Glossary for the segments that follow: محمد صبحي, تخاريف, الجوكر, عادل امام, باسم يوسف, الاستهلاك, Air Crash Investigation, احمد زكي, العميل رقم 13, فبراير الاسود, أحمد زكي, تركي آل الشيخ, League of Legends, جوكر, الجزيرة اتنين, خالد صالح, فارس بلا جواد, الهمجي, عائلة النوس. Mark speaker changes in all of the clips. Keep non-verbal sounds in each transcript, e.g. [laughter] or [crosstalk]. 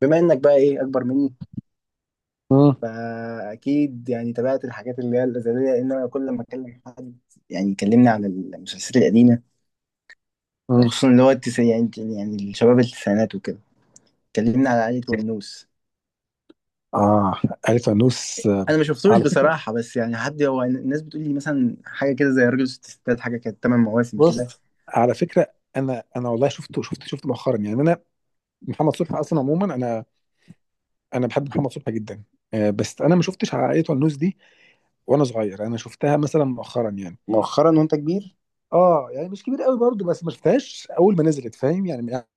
Speaker 1: بما انك بقى ايه اكبر مني،
Speaker 2: مم.
Speaker 1: فاكيد يعني تابعت الحاجات اللي هي الازليه، لان انا كل ما اكلم حد يعني يكلمني عن المسلسلات القديمه،
Speaker 2: مم.
Speaker 1: خصوصا اللي هو التسعين. يعني الشباب التسعينات وكده كلمني على عائله ونوس.
Speaker 2: اه الفانوس
Speaker 1: انا ما شفتوش
Speaker 2: على فكره،
Speaker 1: بصراحه، بس يعني حد، هو الناس بتقول لي مثلا حاجه كده زي راجل وست ستات، حاجه كانت ثمان مواسم كده.
Speaker 2: بص على فكره. انا والله شفته مؤخرا يعني محمد صبحي اصلا عموما انا بحب محمد صبحي جدا. بس انا ما شفتش عائله النوس دي وانا صغير، انا شفتها مثلا مؤخرا يعني.
Speaker 1: مؤخرا وانت كبير.
Speaker 2: اه يعني مش كبير قوي برضو، بس ما شفتهاش اول ما نزلت، فاهم يعني. يعني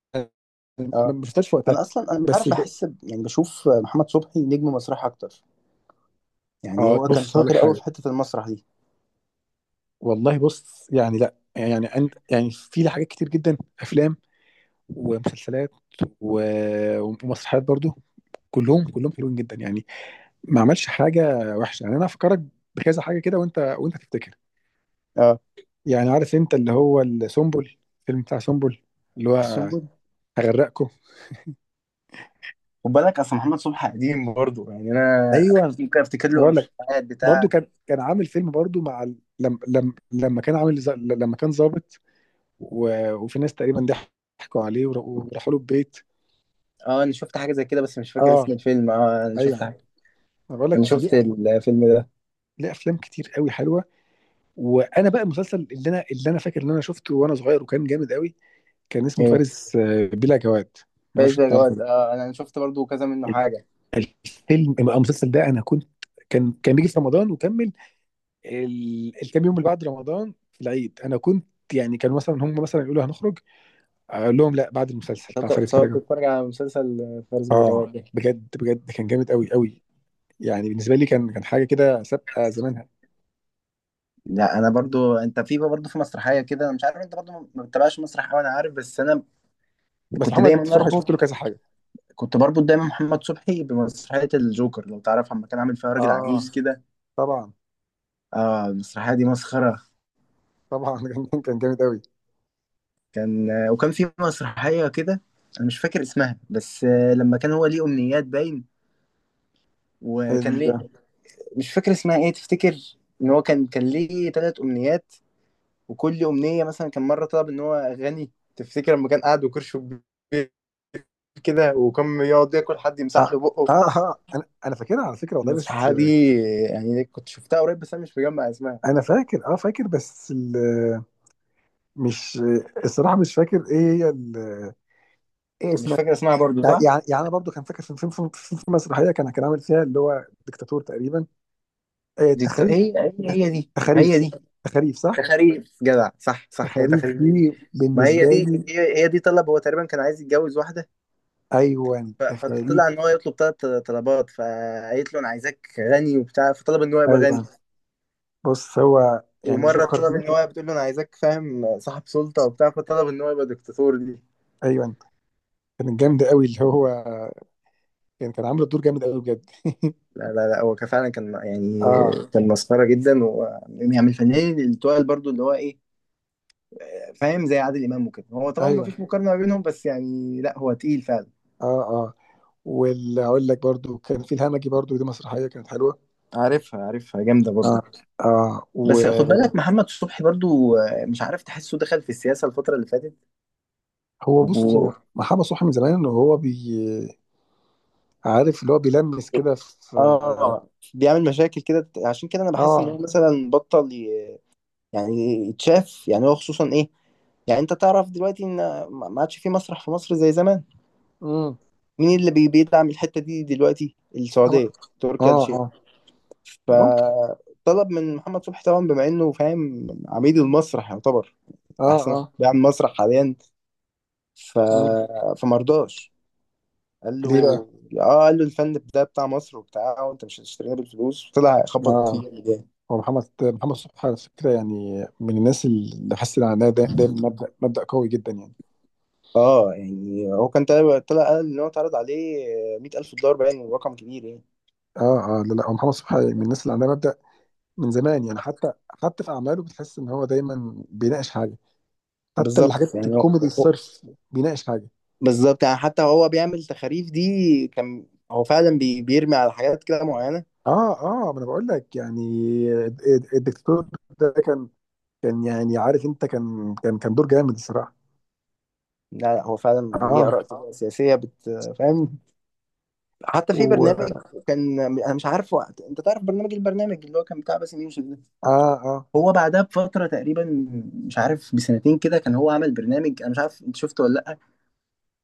Speaker 2: ما
Speaker 1: اه
Speaker 2: ما شفتهاش في وقتها.
Speaker 1: انا اصلا مش عارف،
Speaker 2: بس ج-
Speaker 1: بحس يعني بشوف محمد صبحي نجم مسرح اكتر، يعني
Speaker 2: اه
Speaker 1: هو كان
Speaker 2: بص هقول لك
Speaker 1: شاطر قوي
Speaker 2: حاجه.
Speaker 1: في حته المسرح دي.
Speaker 2: والله بص يعني لا يعني انت يعني في حاجات كتير جدا، افلام ومسلسلات ومسرحيات برضو. كلهم حلوين جدا يعني. ما عملش حاجه وحشه يعني. انا افكرك بكذا حاجه كده وانت تفتكر.
Speaker 1: اه
Speaker 2: يعني عارف انت اللي هو السنبل، الفيلم بتاع سنبل اللي هو
Speaker 1: السنبل.
Speaker 2: هغرقكم.
Speaker 1: خد بالك اصل محمد صبحي قديم برضه، يعني انا
Speaker 2: ايوه
Speaker 1: ممكن افتكر له
Speaker 2: بقول لك.
Speaker 1: الحاجات
Speaker 2: برضو
Speaker 1: بتاع.
Speaker 2: كان عامل فيلم برضو مع ال- لم لم لما كان عامل لما كان ظابط وفي ناس تقريبا ضحكوا عليه وراحوا له البيت.
Speaker 1: اه انا شفت حاجه زي كده، بس مش فاكر اسم
Speaker 2: اه
Speaker 1: الفيلم. اه انا
Speaker 2: ايوه
Speaker 1: شفت حاجه،
Speaker 2: انا بقول
Speaker 1: انا
Speaker 2: لك
Speaker 1: شفت
Speaker 2: ليه.
Speaker 1: الفيلم ده.
Speaker 2: ليه؟ افلام كتير قوي حلوه. وانا بقى المسلسل اللي انا فاكر ان انا شفته وانا صغير وكان جامد قوي، كان اسمه
Speaker 1: يعني
Speaker 2: فارس بلا جواد. ما
Speaker 1: فارس
Speaker 2: اعرفش انت
Speaker 1: بلا
Speaker 2: تعرفه
Speaker 1: جواد،
Speaker 2: ده؟
Speaker 1: اه انا شفت برضه كذا منه حاجه.
Speaker 2: الفيلم المسلسل ده انا كنت، كان بيجي في رمضان وكمل الكام يوم اللي بعد رمضان في العيد. انا كنت يعني كانوا مثلا هم مثلا يقولوا هنخرج، اقول لهم لا، بعد المسلسل بتاع
Speaker 1: تقعد
Speaker 2: فارس بلا
Speaker 1: تقعد
Speaker 2: جواد.
Speaker 1: تتفرج على مسلسل فارس بلا
Speaker 2: اه
Speaker 1: جواد ده.
Speaker 2: بجد بجد كان جامد قوي قوي. يعني بالنسبه لي كان حاجه كده سابقه زمانها.
Speaker 1: لا انا برضو، انت في برضو في مسرحيه كده، انا مش عارف انت برضو ما بتتابعش مسرح قوي، انا عارف. بس انا
Speaker 2: بس
Speaker 1: كنت
Speaker 2: محمد
Speaker 1: دايما
Speaker 2: صبحي شفت
Speaker 1: اربط
Speaker 2: له كذا حاجه.
Speaker 1: كنت بربط دايما محمد صبحي بمسرحيه الجوكر، لو تعرف، لما كان عامل فيها راجل
Speaker 2: اه
Speaker 1: عجوز كده.
Speaker 2: طبعا.
Speaker 1: اه المسرحيه دي مسخره.
Speaker 2: طبعا [laughs] كان جامد
Speaker 1: كان، وكان في مسرحية كده أنا مش فاكر اسمها، بس لما كان هو ليه أمنيات، باين، وكان
Speaker 2: قوي.
Speaker 1: ليه، مش فاكر اسمها إيه، تفتكر؟ إن هو كان ليه تلات أمنيات، وكل أمنية مثلا، كان مرة طلب إن هو غني، تفتكر لما كان قاعد وكرشه كبير كده، وكان يقعد ياكل حد يمسح
Speaker 2: اه
Speaker 1: له
Speaker 2: اه
Speaker 1: بقه.
Speaker 2: انا فاكرها على فكره والله. بس
Speaker 1: المسرحية دي يعني كنت شفتها قريب، بس أنا مش مجمع اسمها.
Speaker 2: انا فاكر، اه فاكر بس مش الصراحه مش فاكر ايه هي ايه
Speaker 1: مش
Speaker 2: اسمها.
Speaker 1: فاكر اسمها برضو
Speaker 2: يعني
Speaker 1: صح؟
Speaker 2: يعني انا برضو كان فاكر في فيلم في مسرحيه كان عامل فيها اللي هو ديكتاتور تقريبا. إيه، تخريف؟
Speaker 1: هي هي دي،
Speaker 2: تخاريف
Speaker 1: هي
Speaker 2: صح؟
Speaker 1: دي
Speaker 2: تخاريف صح.
Speaker 1: تخاريف، جدع، صح صح، هي
Speaker 2: تخاريف
Speaker 1: تخاريف
Speaker 2: دي
Speaker 1: دي. ما هي
Speaker 2: بالنسبه
Speaker 1: دي،
Speaker 2: لي.
Speaker 1: هي دي، طلب هو تقريبا كان عايز يتجوز واحدة،
Speaker 2: ايوه تخاريف.
Speaker 1: فطلع ان هو يطلب ثلاث طلبات، فقالت له انا عايزاك غني وبتاع، فطلب ان هو يبقى
Speaker 2: ايوه
Speaker 1: غني.
Speaker 2: بص هو يعني
Speaker 1: ومرة
Speaker 2: جوكر
Speaker 1: طلب
Speaker 2: دي.
Speaker 1: ان هو، بتقول له انا عايزاك فاهم صاحب سلطة وبتاع، فطلب ان هو يبقى دكتاتور دي.
Speaker 2: ايوه كانت جامده قوي اللي هو، كان عامل الدور جامد قوي بجد. [laughs]
Speaker 1: لا لا لا، هو كان فعلا كان يعني،
Speaker 2: اه
Speaker 1: كان مسخرة جدا، و يعني من الفنانين اللي تقال، برضو اللي هو ايه، فاهم، زي عادل امام وكده. هو طبعا ما
Speaker 2: ايوه.
Speaker 1: فيش مقارنة ما بينهم، بس يعني لا، هو تقيل فعلا.
Speaker 2: اه اه واللي هقول لك برضو كان في الهمجي برضو، دي مسرحيه كانت حلوه.
Speaker 1: عارفها، عارفها، جامدة
Speaker 2: اه
Speaker 1: برضو.
Speaker 2: اه. وهو
Speaker 1: بس خد بالك محمد صبحي برضو مش عارف، تحسه دخل في السياسة الفترة اللي فاتت
Speaker 2: بص،
Speaker 1: و...
Speaker 2: هو محمد صبحي من زمان انه هو عارف اللي هو بيلمس كده في.
Speaker 1: اه بيعمل مشاكل كده، عشان كده انا بحس ان
Speaker 2: اه.
Speaker 1: هو مثلا بطل يعني يتشاف، يعني هو خصوصا ايه، يعني انت تعرف دلوقتي ان ما عادش في مسرح في مصر زي زمان.
Speaker 2: امم.
Speaker 1: مين اللي بيدعم الحتة دي دلوقتي؟
Speaker 2: اه
Speaker 1: السعودية، تركي آل الشيخ.
Speaker 2: اه ممكن.
Speaker 1: فطلب من محمد صبحي طبعا، بما انه فاهم عميد المسرح يعتبر،
Speaker 2: اه
Speaker 1: احسن واحد
Speaker 2: اه.
Speaker 1: بيعمل مسرح حاليا، ف...
Speaker 2: مم.
Speaker 1: فمرضاش، قال له،
Speaker 2: ليه بقى؟
Speaker 1: اه قال له الفن ده بتاع مصر وبتاع، وانت مش هتشترينا بالفلوس، وطلع خبط
Speaker 2: اه.
Speaker 1: فيه يعني جامد.
Speaker 2: هو محمد صبحي على فكره يعني من الناس اللي حاسس ان عندها دايما مبدا قوي جدا يعني.
Speaker 1: اه يعني هو كان طلع قال ان هو اتعرض عليه $100,000، باين رقم كبير يعني.
Speaker 2: اه اه لا لا، هو محمد صبحي من الناس اللي عندها مبدا من زمان يعني. حتى في اعماله بتحس ان هو دايما بيناقش حاجه، حتى
Speaker 1: بالظبط
Speaker 2: الحاجات
Speaker 1: يعني
Speaker 2: الكوميدي
Speaker 1: هو-
Speaker 2: الصرف بيناقش حاجه.
Speaker 1: بالظبط، يعني حتى هو بيعمل تخاريف دي، كان هو فعلا بيرمي على حاجات كده معينة.
Speaker 2: اه اه ما انا بقول لك يعني، الدكتور ده كان يعني، عارف انت، كان دور جامد الصراحه.
Speaker 1: لا لا، هو فعلا ليه
Speaker 2: اه.
Speaker 1: آراء كده سياسية، فاهم؟ حتى في
Speaker 2: و
Speaker 1: برنامج،
Speaker 2: اه.
Speaker 1: كان أنا مش عارفه، انت تعرف البرنامج اللي هو كان بتاع باسم يوسف ده،
Speaker 2: اه
Speaker 1: هو بعدها بفترة تقريبا، مش عارف بسنتين كده، كان هو عمل برنامج، انا مش عارف انت شفته ولا لأ،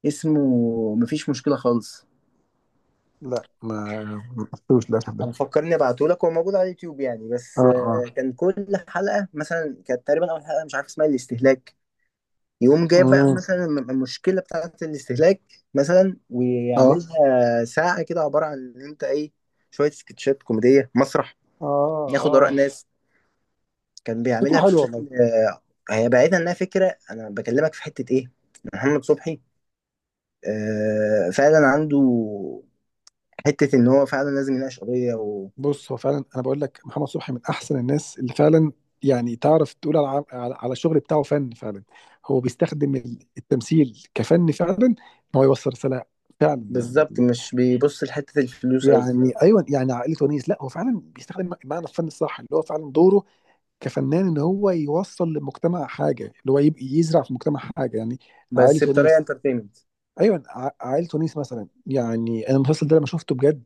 Speaker 1: اسمه، مفيش مشكلة خالص.
Speaker 2: لا، ما شفتوش للاسف ده.
Speaker 1: انا فكرني ابعته لك، هو موجود على اليوتيوب يعني،
Speaker 2: اه
Speaker 1: بس
Speaker 2: اه.
Speaker 1: كان كل حلقة مثلا، كانت تقريبا، اول حلقة مش عارف اسمها الاستهلاك، يقوم جايب بقى
Speaker 2: مم.
Speaker 1: مثلا المشكلة بتاعة الاستهلاك مثلا،
Speaker 2: اه
Speaker 1: ويعملها ساعة كده، عبارة عن ان انت ايه، شوية سكتشات كوميدية مسرح،
Speaker 2: اه
Speaker 1: ياخد آراء
Speaker 2: اه.
Speaker 1: ناس، كان
Speaker 2: فكره
Speaker 1: بيعملها
Speaker 2: حلوه والله.
Speaker 1: بشكل هي بعيدا انها فكرة، انا بكلمك في حتة ايه، محمد صبحي فعلا عنده حتة إن هو فعلا لازم يناقش قضية،
Speaker 2: بص هو فعلا انا بقول لك، محمد صبحي من احسن الناس اللي فعلا يعني تعرف تقول على على الشغل بتاعه فن فعلا. هو بيستخدم التمثيل كفن فعلا، ان هو يوصل رساله فعلا
Speaker 1: وبالظبط مش بيبص لحتة الفلوس أوي،
Speaker 2: يعني. ايوه يعني عائله ونيس، لا هو فعلا بيستخدم معنى الفن الصح، اللي هو فعلا دوره كفنان ان هو يوصل للمجتمع حاجه، اللي هو يبقى يزرع في المجتمع حاجه يعني. عائله
Speaker 1: بس بطريقة
Speaker 2: ونيس.
Speaker 1: انترتينمنت،
Speaker 2: ايوه، عائله ونيس مثلا. يعني انا المسلسل ده لما شفته بجد،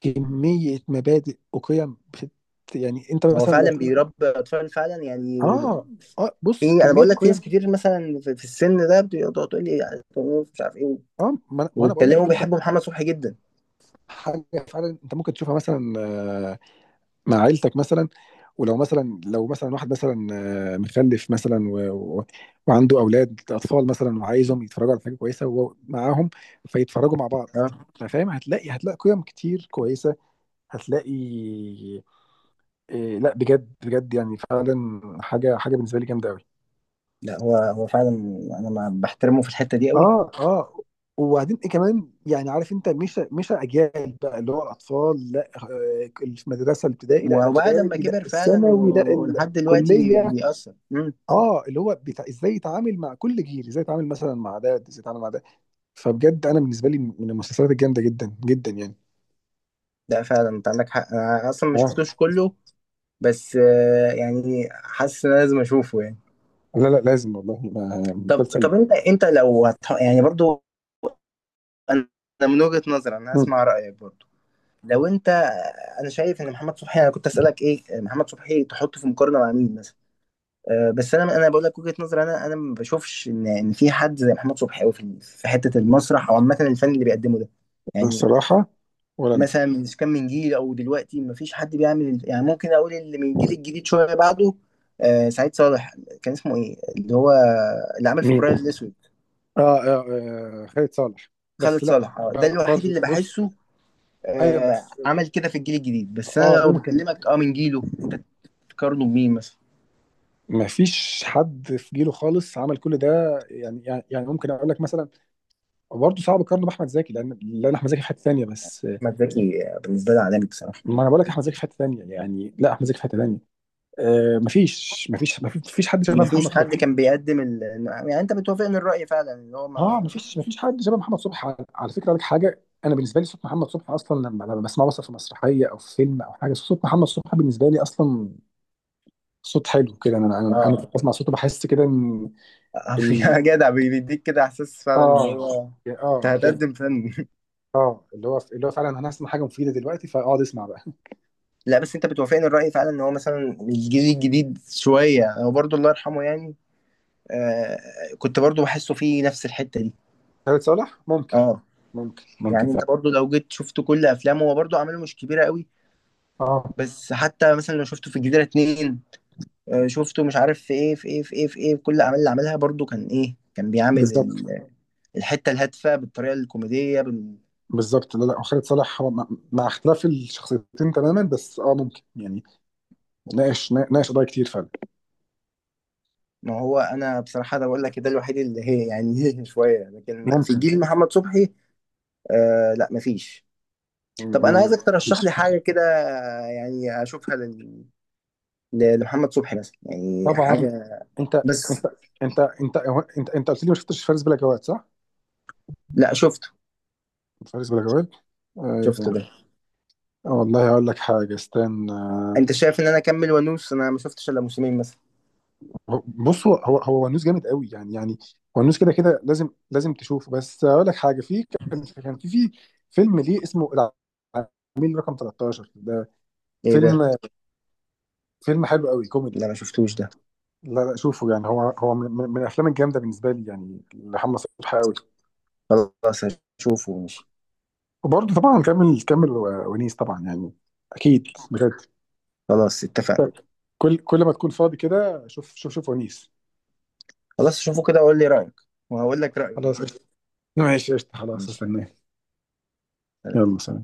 Speaker 2: كميه مبادئ وقيم يعني انت
Speaker 1: هو
Speaker 2: مثلا.
Speaker 1: فعلا بيربي أطفال فعلا يعني.
Speaker 2: اه اه
Speaker 1: في،
Speaker 2: بص،
Speaker 1: أنا
Speaker 2: كميه
Speaker 1: بقول لك في
Speaker 2: قيم.
Speaker 1: ناس كتير مثلا في في السن ده بتقعد تقول لي مش عارف إيه،
Speaker 2: اه ما انا ما أنا بقول لك
Speaker 1: ويتكلموا
Speaker 2: انت،
Speaker 1: بيحبوا محمد صبحي جدا.
Speaker 2: حاجه فعلا انت ممكن تشوفها مثلا آه، مع عيلتك مثلا. ولو مثلا، لو مثلا واحد مثلا مخلف مثلا و... وعنده اولاد اطفال مثلا، وعايزهم يتفرجوا على حاجه كويسه وهو معاهم، فيتفرجوا مع بعض.
Speaker 1: أه
Speaker 2: فاهم؟ هتلاقي قيم كتير كويسه، هتلاقي إيه، لا بجد بجد يعني فعلا حاجه بالنسبه لي جامده قوي.
Speaker 1: لا، هو فعلا أنا ما بحترمه في الحتة دي أوي،
Speaker 2: اه اه. وبعدين ايه كمان، يعني عارف انت، مش اجيال بقى اللي هو الاطفال، لا المدرسه الابتدائي، لا
Speaker 1: وبعد ما
Speaker 2: الاعدادي، لا
Speaker 1: كبر فعلا
Speaker 2: الثانوي، لا
Speaker 1: ولحد دلوقتي
Speaker 2: الكليه.
Speaker 1: بيأثر. مم.
Speaker 2: اه، اللي هو بتاع ازاي يتعامل مع كل جيل، ازاي يتعامل مثلا مع ده، ازاي يتعامل مع ده. فبجد انا بالنسبه لي من المسلسلات الجامده جدا جدا يعني.
Speaker 1: لا فعلا أنت عندك حق، أنا أصلا ما
Speaker 2: اه.
Speaker 1: شفتوش كله، بس يعني حاسس ان أنا لازم اشوفه يعني.
Speaker 2: لا لا لازم والله.
Speaker 1: طب
Speaker 2: مسلسل.
Speaker 1: طب انت لو يعني برضو، انا من وجهة نظري، انا
Speaker 2: مم.
Speaker 1: اسمع رايك برضو، لو انت، انا شايف ان محمد صبحي، انا كنت اسالك ايه، محمد صبحي تحطه في مقارنه مع مين مثلا؟ أه بس انا بقول لك وجهة نظري، انا ما بشوفش ان في حد زي محمد صبحي قوي في حته المسرح، او عامه الفن اللي بيقدمه ده يعني،
Speaker 2: الصراحه ولا انا.
Speaker 1: مثلا من كان من جيل، او دلوقتي مفيش حد بيعمل، يعني ممكن اقول اللي من الجيل الجديد شويه بعده، سعيد صالح، كان اسمه ايه اللي هو، اللي عمل
Speaker 2: مين؟
Speaker 1: فبراير الاسود،
Speaker 2: اه, آه, آه خالد صالح. بس
Speaker 1: خالد
Speaker 2: لا
Speaker 1: صالح، ده الوحيد
Speaker 2: برضه
Speaker 1: اللي
Speaker 2: بص،
Speaker 1: بحسه
Speaker 2: ايوه بس
Speaker 1: عمل كده في الجيل الجديد. بس انا
Speaker 2: اه
Speaker 1: لو
Speaker 2: ممكن.
Speaker 1: بكلمك اه من جيله انت، تقارنه بمين مثلا؟
Speaker 2: ما فيش حد في جيله خالص عمل كل ده. يعني ممكن اقول لك مثلا، برضه صعب اقارنه باحمد زكي، لان احمد زكي في حته ثانيه. بس
Speaker 1: احمد زكي بالنسبه لي عالمي بصراحه،
Speaker 2: ما انا بقول لك، احمد زكي في حته ثانيه يعني، لا احمد زكي في حته ثانيه. آه، ما فيش حد شبه
Speaker 1: مفيش
Speaker 2: محمد
Speaker 1: حد
Speaker 2: صبحي.
Speaker 1: كان بيقدم يعني انت بتوافقني الراي فعلا اللي هو
Speaker 2: اه
Speaker 1: ما...
Speaker 2: ما فيش حد شبه محمد صبحي. على, على فكره لك حاجه، انا بالنسبه لي صوت محمد صبحي اصلا، لما بسمعه مثلا في مسرحيه او في فيلم او حاجه، صوت محمد صبحي بالنسبه لي اصلا صوت حلو كده. انا
Speaker 1: اه
Speaker 2: بسمع صوته بحس كده ان
Speaker 1: [laughs]
Speaker 2: ال-
Speaker 1: يا جدع، بيديك كده احساس فعلا اللي
Speaker 2: اه
Speaker 1: هو، انت
Speaker 2: اه
Speaker 1: هتقدم
Speaker 2: بجد.
Speaker 1: فن.
Speaker 2: اه اللي هو فعلا، انا هسمع حاجه مفيده دلوقتي فاقعد اسمع بقى. [laughs]
Speaker 1: لا بس انت بتوافقني الرأي فعلا ان هو مثلا الجيل الجديد شوية، هو برضو الله يرحمه يعني، آه كنت برضو بحسه فيه نفس الحتة دي.
Speaker 2: خالد صالح ممكن.
Speaker 1: اه
Speaker 2: ممكن
Speaker 1: يعني
Speaker 2: فعلا.
Speaker 1: انت برضو لو جيت شفت كل افلامه، هو برضو اعماله مش كبيرة قوي،
Speaker 2: اه
Speaker 1: بس حتى مثلا لو شفته في الجزيرة اتنين، شفته مش عارف في ايه في ايه في ايه في ايه، في كل الاعمال اللي عملها برضو، كان ايه، كان بيعمل
Speaker 2: بالظبط.
Speaker 1: الحتة الهادفة بالطريقة الكوميدية
Speaker 2: بالظبط. لا لا هو خالد صالح هو مع اختلاف الشخصيتين تماما، بس اه ممكن يعني. ناقش قضايا كتير فعلا.
Speaker 1: ما هو انا بصراحة ده بقول لك ده الوحيد اللي هي يعني [laughs] شوية، لكن في
Speaker 2: ممكن.
Speaker 1: جيل محمد صبحي لا مفيش.
Speaker 2: [laughs]
Speaker 1: طب انا
Speaker 2: مم.
Speaker 1: عايزك ترشح لي حاجه كده، يعني اشوفها لمحمد صبحي مثلا، يعني
Speaker 2: طبعا.
Speaker 1: حاجه،
Speaker 2: انت انت
Speaker 1: بس،
Speaker 2: انت انت انت قلت لي ما شفتش فارس بلا جواد صح؟
Speaker 1: لا شفته
Speaker 2: فارس بلا جواد
Speaker 1: شفته
Speaker 2: آه.
Speaker 1: ده.
Speaker 2: والله هقول لك حاجه، استنى.
Speaker 1: انت شايف ان انا اكمل وانوس؟ انا ما شفتش الا موسمين مثلا.
Speaker 2: بص هو ونوس جامد قوي يعني. يعني ونوس كده كده لازم تشوفه. بس اقول لك حاجه، في، كان في في فيلم ليه اسمه العميل رقم 13 ده،
Speaker 1: ايه
Speaker 2: فيلم
Speaker 1: ده؟
Speaker 2: حلو قوي
Speaker 1: ده
Speaker 2: كوميدي.
Speaker 1: ما شفتوش ده.
Speaker 2: لا لا شوفه يعني، هو من, من الافلام الجامده بالنسبه لي يعني، لمحمد صبحي قوي.
Speaker 1: خلاص هشوفه، ماشي.
Speaker 2: وبرضه طبعا كمل، ونيس طبعا يعني. اكيد بجد.
Speaker 1: خلاص اتفقنا.
Speaker 2: كل ما تكون فاضي كده، شوف شوف ونيس.
Speaker 1: خلاص شوفه كده وقول لي رايك، وهقول لك رايي.
Speaker 2: خلاص قشطة. ماشي قشطة خلاص،
Speaker 1: ماشي،
Speaker 2: استناه.
Speaker 1: سلام.
Speaker 2: يلا سلام.